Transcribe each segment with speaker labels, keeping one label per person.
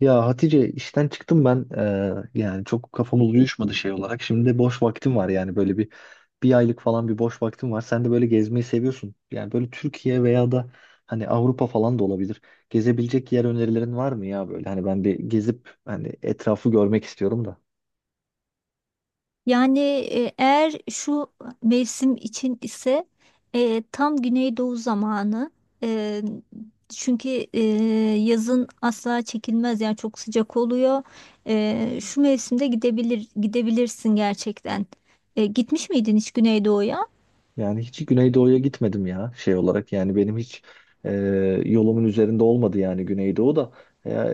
Speaker 1: Ya Hatice, işten çıktım ben. Yani çok kafamız uyuşmadı şey olarak. Şimdi boş vaktim var, yani böyle bir aylık falan bir boş vaktim var. Sen de böyle gezmeyi seviyorsun. Yani böyle Türkiye veya da hani Avrupa falan da olabilir. Gezebilecek yer önerilerin var mı ya böyle? Hani ben bir gezip hani etrafı görmek istiyorum da.
Speaker 2: Yani eğer şu mevsim için ise tam Güneydoğu zamanı. E, Çünkü e, yazın asla çekilmez yani, çok sıcak oluyor. Şu mevsimde gidebilirsin gerçekten. Gitmiş miydin hiç Güneydoğu'ya?
Speaker 1: Yani hiç Güneydoğu'ya gitmedim ya, şey olarak. Yani benim hiç e, yolumun üzerinde olmadı, yani Güneydoğu da.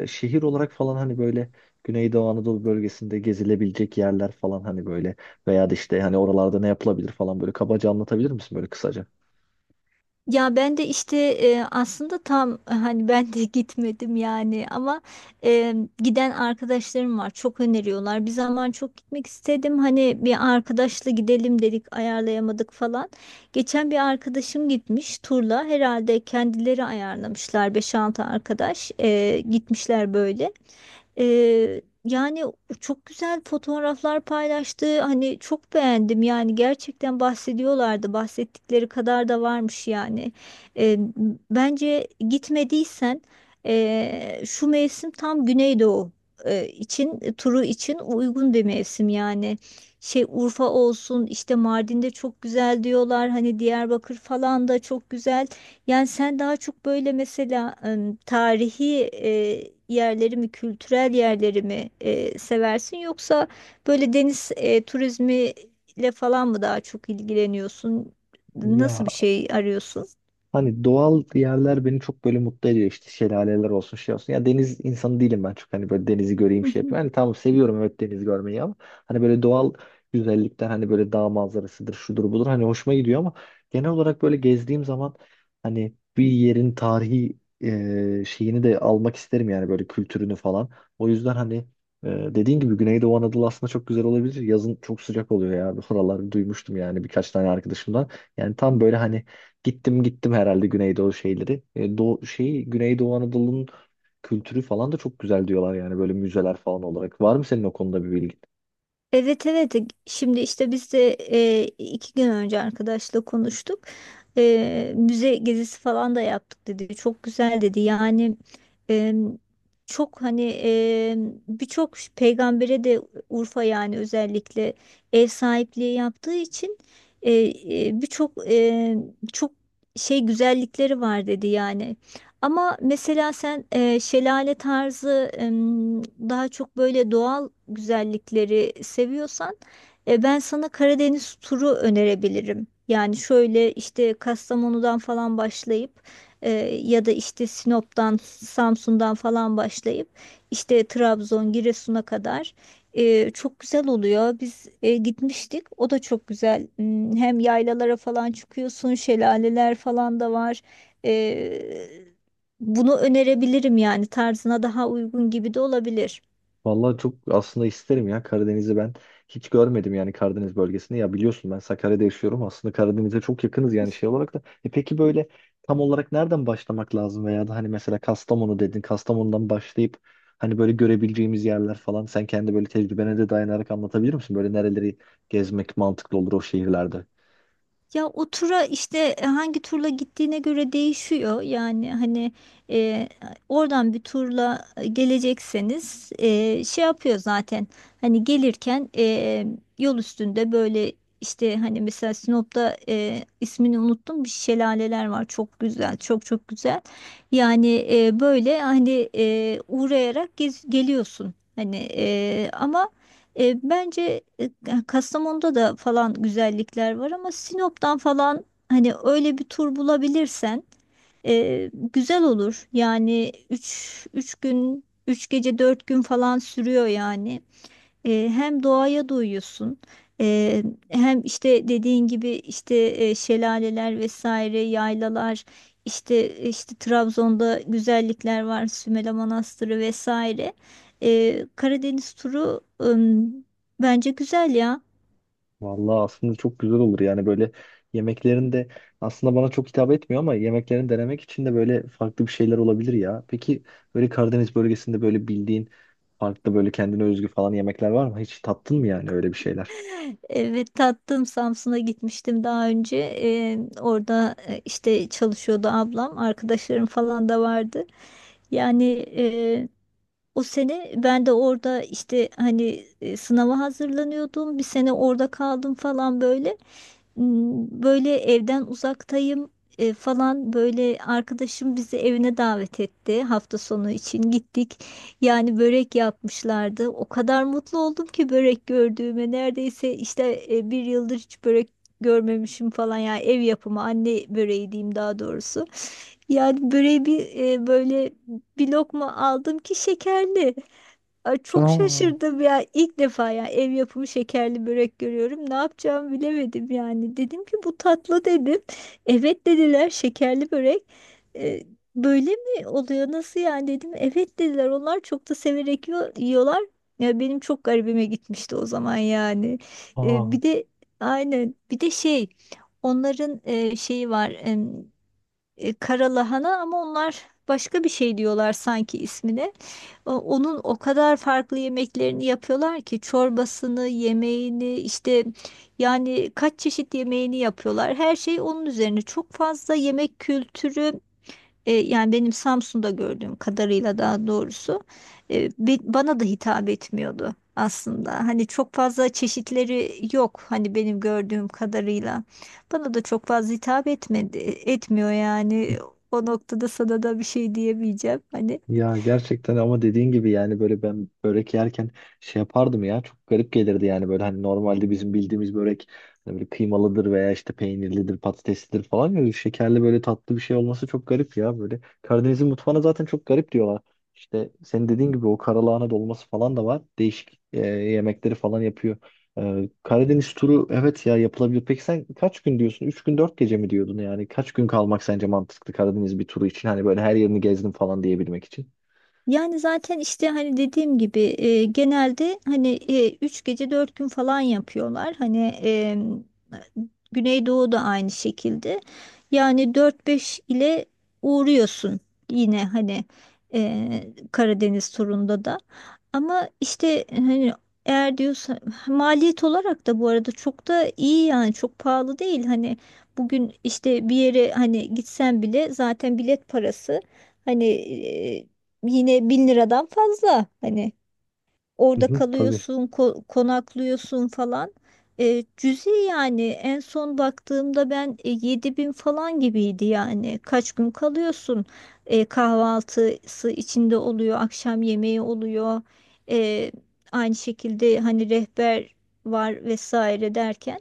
Speaker 1: Şehir olarak falan, hani böyle Güneydoğu Anadolu bölgesinde gezilebilecek yerler falan, hani böyle veya da işte hani oralarda ne yapılabilir falan, böyle kabaca anlatabilir misin böyle kısaca?
Speaker 2: Ya ben de işte aslında tam hani ben de gitmedim yani, ama e, giden arkadaşlarım var, çok öneriyorlar. Bir zaman çok gitmek istedim, hani bir arkadaşla gidelim dedik, ayarlayamadık falan. Geçen bir arkadaşım gitmiş turla, herhalde kendileri ayarlamışlar, beş altı arkadaş gitmişler böyle. Yani çok güzel fotoğraflar paylaştı. Hani çok beğendim, yani gerçekten bahsediyorlardı. Bahsettikleri kadar da varmış yani. Ee, Bence gitmediysen, şu mevsim tam Güneydoğu için, turu için uygun bir mevsim yani. Şey, Urfa olsun, işte Mardin'de çok güzel diyorlar. Hani Diyarbakır falan da çok güzel. Yani sen daha çok böyle mesela, tarihi yerleri mi, kültürel yerleri mi seversin, yoksa böyle deniz turizmiyle falan mı daha çok ilgileniyorsun? Nasıl
Speaker 1: Ya,
Speaker 2: bir şey arıyorsun?
Speaker 1: hani doğal yerler beni çok böyle mutlu ediyor, işte şelaleler olsun şey olsun. Ya, deniz insanı değilim ben, çok hani böyle denizi göreyim şey yapayım. Hani tamam, seviyorum, evet, deniz görmeyi, ama hani böyle doğal güzellikler, hani böyle dağ manzarasıdır şudur budur, hani hoşuma gidiyor ama genel olarak böyle gezdiğim zaman hani bir yerin tarihi şeyini de almak isterim, yani böyle kültürünü falan. O yüzden hani dediğin gibi Güneydoğu Anadolu aslında çok güzel olabilir. Yazın çok sıcak oluyor ya. Oraları duymuştum yani birkaç tane arkadaşımdan. Yani tam böyle hani gittim herhalde Güneydoğu şeyleri. Doğu, şey, Güneydoğu Anadolu'nun kültürü falan da çok güzel diyorlar, yani böyle müzeler falan olarak. Var mı senin o konuda bir bilgin?
Speaker 2: Evet, evet, şimdi işte biz de 2 gün önce arkadaşla konuştuk. Müze gezisi falan da yaptık, dedi. Çok güzel, dedi. Yani e, çok hani birçok peygambere de Urfa yani özellikle ev sahipliği yaptığı için, e, birçok çok şey güzellikleri var, dedi yani. Ama mesela sen şelale tarzı, daha çok böyle doğal güzellikleri seviyorsan, ben sana Karadeniz turu önerebilirim. Yani şöyle, işte Kastamonu'dan falan başlayıp, e, ya da işte Sinop'tan, Samsun'dan falan başlayıp işte Trabzon, Giresun'a kadar çok güzel oluyor. Biz gitmiştik. O da çok güzel. Hem yaylalara falan çıkıyorsun, şelaleler falan da var. E, Bunu önerebilirim, yani tarzına daha uygun gibi de olabilir.
Speaker 1: Vallahi çok aslında isterim ya, Karadeniz'i ben hiç görmedim, yani Karadeniz bölgesini. Ya biliyorsun, ben Sakarya'da yaşıyorum, aslında Karadeniz'e çok yakınız yani, şey olarak da. E peki, böyle tam olarak nereden başlamak lazım veya da hani mesela Kastamonu dedin, Kastamonu'dan başlayıp hani böyle görebileceğimiz yerler falan, sen kendi böyle tecrübene de dayanarak anlatabilir misin? Böyle nereleri gezmek mantıklı olur o şehirlerde?
Speaker 2: Ya o tura işte hangi turla gittiğine göre değişiyor. Yani hani e, oradan bir turla gelecekseniz, şey yapıyor zaten. Hani gelirken yol üstünde böyle, işte hani mesela Sinop'ta ismini unuttum, bir şelaleler var, çok güzel, çok çok güzel. Yani böyle hani uğrayarak geliyorsun. Hani ama, bence Kastamonu'da da falan güzellikler var, ama Sinop'tan falan hani öyle bir tur bulabilirsen güzel olur. Yani 3 gün 3 gece 4 gün falan sürüyor yani. Hem doğaya doyuyorsun, e, hem işte dediğin gibi, işte şelaleler vesaire, yaylalar, işte Trabzon'da güzellikler var, Sümele Manastırı vesaire. Karadeniz turu, bence güzel ya.
Speaker 1: Vallahi aslında çok güzel olur yani, böyle yemeklerin de aslında bana çok hitap etmiyor ama yemeklerini denemek için de böyle farklı bir şeyler olabilir ya. Peki böyle Karadeniz bölgesinde böyle bildiğin farklı, böyle kendine özgü falan yemekler var mı? Hiç tattın mı yani öyle bir şeyler?
Speaker 2: Evet tattım, Samsun'a gitmiştim daha önce. Orada işte çalışıyordu ablam, arkadaşlarım falan da vardı. Yani o sene ben de orada işte hani sınava hazırlanıyordum. Bir sene orada kaldım falan böyle. Böyle evden uzaktayım falan, böyle arkadaşım bizi evine davet etti. Hafta sonu için gittik. Yani börek yapmışlardı. O kadar mutlu oldum ki börek gördüğüme. Neredeyse işte bir yıldır hiç börek görmemişim falan ya, ev yapımı anne böreği diyeyim daha doğrusu. Yani böreği bir böyle bir lokma aldım ki, şekerli. Ay, çok
Speaker 1: Aa.
Speaker 2: şaşırdım ya. İlk defa ya, ev yapımı şekerli börek görüyorum. Ne yapacağımı bilemedim yani. Dedim ki bu tatlı, dedim. Evet dediler, şekerli börek. E, Böyle mi oluyor? Nasıl yani, dedim. Evet, dediler. Onlar çok da severek yiyorlar. Ya benim çok garibime gitmişti o zaman yani.
Speaker 1: Aa.
Speaker 2: Bir de, aynen, bir de şey, onların şeyi var, karalahana, ama onlar başka bir şey diyorlar sanki ismine. Onun o kadar farklı yemeklerini yapıyorlar ki çorbasını, yemeğini, işte yani kaç çeşit yemeğini yapıyorlar. Her şey onun üzerine. Çok fazla yemek kültürü, yani benim Samsun'da gördüğüm kadarıyla, daha doğrusu bana da hitap etmiyordu aslında. Hani çok fazla çeşitleri yok, hani benim gördüğüm kadarıyla. Bana da çok fazla hitap etmedi, etmiyor yani. O noktada sana da bir şey diyemeyeceğim. Hani.
Speaker 1: Ya gerçekten, ama dediğin gibi yani böyle ben börek yerken şey yapardım ya, çok garip gelirdi yani böyle. Hani normalde bizim bildiğimiz börek hani böyle kıymalıdır veya işte peynirlidir, patateslidir falan, ya şekerli böyle tatlı bir şey olması çok garip ya. Böyle Karadeniz'in mutfağına zaten çok garip diyorlar. İşte senin dediğin gibi o karalahana dolması falan da var, değişik yemekleri falan yapıyor. Karadeniz turu, evet ya, yapılabilir. Peki sen kaç gün diyorsun, 3 gün 4 gece mi diyordun, yani kaç gün kalmak sence mantıklı Karadeniz bir turu için, hani böyle her yerini gezdim falan diyebilmek için?
Speaker 2: Yani zaten işte hani dediğim gibi genelde hani 3 gece 4 gün falan yapıyorlar. Hani Güneydoğu da aynı şekilde. Yani dört beş ile uğruyorsun yine, hani e, Karadeniz turunda da. Ama işte hani, eğer diyorsa maliyet olarak da, bu arada çok da iyi yani, çok pahalı değil. Hani bugün işte bir yere hani gitsen bile, zaten bilet parası hani yine 1.000 liradan fazla. Hani.
Speaker 1: Hı
Speaker 2: Orada
Speaker 1: hı, tabii.
Speaker 2: kalıyorsun, konaklıyorsun falan. Cüzi yani, en son baktığımda ben 7.000 falan gibiydi yani. Kaç gün kalıyorsun? Kahvaltısı içinde oluyor, akşam yemeği oluyor. E, Aynı şekilde hani rehber var vesaire derken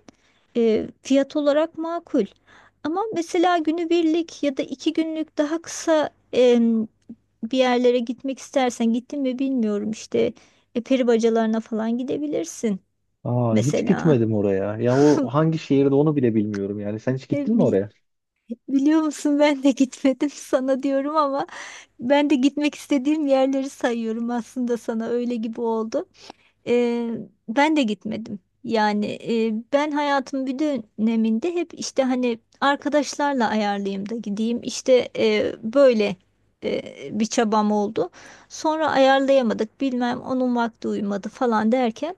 Speaker 2: fiyat olarak makul. Ama mesela günübirlik ya da 2 günlük daha kısa, bir yerlere gitmek istersen, gittin mi bilmiyorum işte, peri bacalarına falan gidebilirsin
Speaker 1: Aa, hiç
Speaker 2: mesela.
Speaker 1: gitmedim oraya. Ya o hangi şehirde onu bile bilmiyorum yani. Sen hiç
Speaker 2: E,
Speaker 1: gittin mi
Speaker 2: bi-
Speaker 1: oraya?
Speaker 2: Biliyor musun, ben de gitmedim sana diyorum ama, ben de gitmek istediğim yerleri sayıyorum aslında, sana öyle gibi oldu. Ee, Ben de gitmedim. Yani ben hayatımın bir döneminde hep, işte hani arkadaşlarla ayarlayayım da gideyim, İşte böyle e, bir çabam oldu. Sonra ayarlayamadık, bilmem onun vakti uymadı falan derken.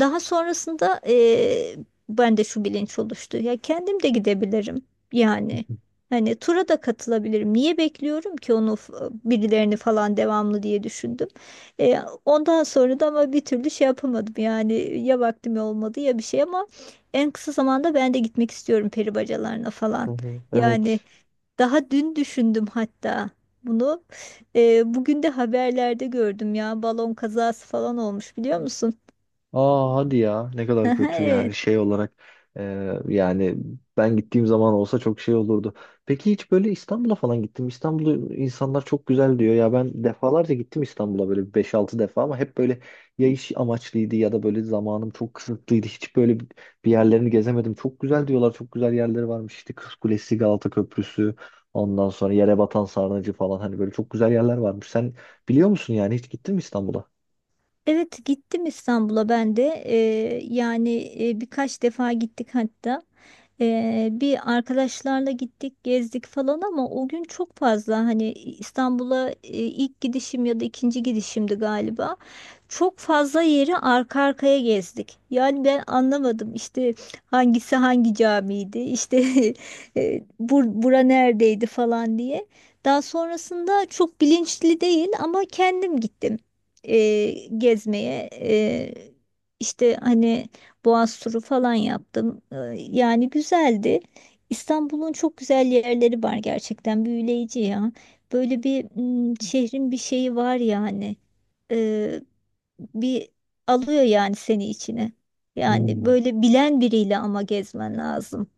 Speaker 2: Daha sonrasında ben de şu bilinç oluştu. Ya kendim de gidebilirim yani. Hani tura da katılabilirim. Niye bekliyorum ki onu, birilerini falan devamlı, diye düşündüm. E, Ondan sonra da ama bir türlü şey yapamadım yani, ya vaktim olmadı ya bir şey, ama en kısa zamanda ben de gitmek istiyorum peri bacalarına
Speaker 1: Hı
Speaker 2: falan.
Speaker 1: hı.
Speaker 2: Yani
Speaker 1: Evet.
Speaker 2: daha dün düşündüm hatta bunu. Bugün de haberlerde gördüm ya, balon kazası falan olmuş, biliyor musun?
Speaker 1: Aa, hadi ya, ne kadar kötü yani, şey olarak, e, yani ben gittiğim zaman olsa çok şey olurdu. Peki hiç böyle, İstanbul'a falan gittim. İstanbul'u insanlar çok güzel diyor ya, ben defalarca gittim İstanbul'a, böyle beş altı defa, ama hep böyle ya iş amaçlıydı ya da böyle zamanım çok kısıtlıydı. Hiç böyle bir yerlerini gezemedim. Çok güzel diyorlar, çok güzel yerleri varmış, işte Kız Kulesi, Galata Köprüsü, ondan sonra Yerebatan Sarnıcı falan, hani böyle çok güzel yerler varmış. Sen biliyor musun, yani hiç gittin mi İstanbul'a?
Speaker 2: Evet gittim İstanbul'a ben de. Yani birkaç defa gittik hatta. Bir arkadaşlarla gittik, gezdik falan, ama o gün çok fazla hani, İstanbul'a ilk gidişim ya da ikinci gidişimdi galiba, çok fazla yeri arka arkaya gezdik, yani ben anlamadım işte hangisi hangi camiydi işte bura neredeydi falan diye. Daha sonrasında çok bilinçli değil ama kendim gittim e, gezmeye, işte hani Boğaz turu falan yaptım. Yani güzeldi. İstanbul'un çok güzel yerleri var, gerçekten büyüleyici ya. Böyle bir, şehrin bir şeyi var yani. E, Bir alıyor yani seni içine. Yani
Speaker 1: Hmm.
Speaker 2: böyle bilen biriyle ama gezmen lazım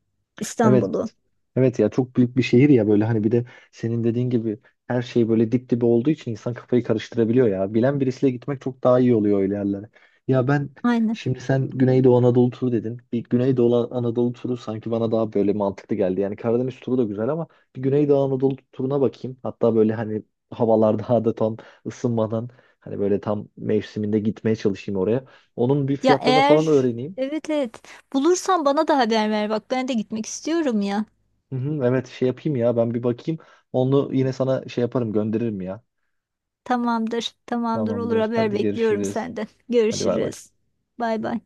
Speaker 1: Evet.
Speaker 2: İstanbul'u.
Speaker 1: Evet ya, çok büyük bir şehir ya, böyle hani bir de senin dediğin gibi her şey böyle dip dibe olduğu için insan kafayı karıştırabiliyor ya. Bilen birisiyle gitmek çok daha iyi oluyor öyle yerlere. Ya ben,
Speaker 2: Aynen.
Speaker 1: şimdi sen Güneydoğu Anadolu turu dedin. Bir Güneydoğu Anadolu turu sanki bana daha böyle mantıklı geldi. Yani Karadeniz turu da güzel ama bir Güneydoğu Anadolu turuna bakayım. Hatta böyle hani havalar daha da tam ısınmadan hani böyle tam mevsiminde gitmeye çalışayım oraya. Onun bir
Speaker 2: Ya
Speaker 1: fiyatlarını falan
Speaker 2: eğer,
Speaker 1: öğreneyim.
Speaker 2: evet, evet, bulursan bana da haber ver bak, ben de gitmek istiyorum ya.
Speaker 1: Hı hı, evet, şey yapayım ya, ben bir bakayım. Onu yine sana şey yaparım, gönderirim ya.
Speaker 2: Tamamdır, tamamdır, olur.
Speaker 1: Tamamdır.
Speaker 2: Haber
Speaker 1: Hadi,
Speaker 2: bekliyorum
Speaker 1: görüşürüz.
Speaker 2: senden.
Speaker 1: Hadi, bay bay.
Speaker 2: Görüşürüz. Bay bay.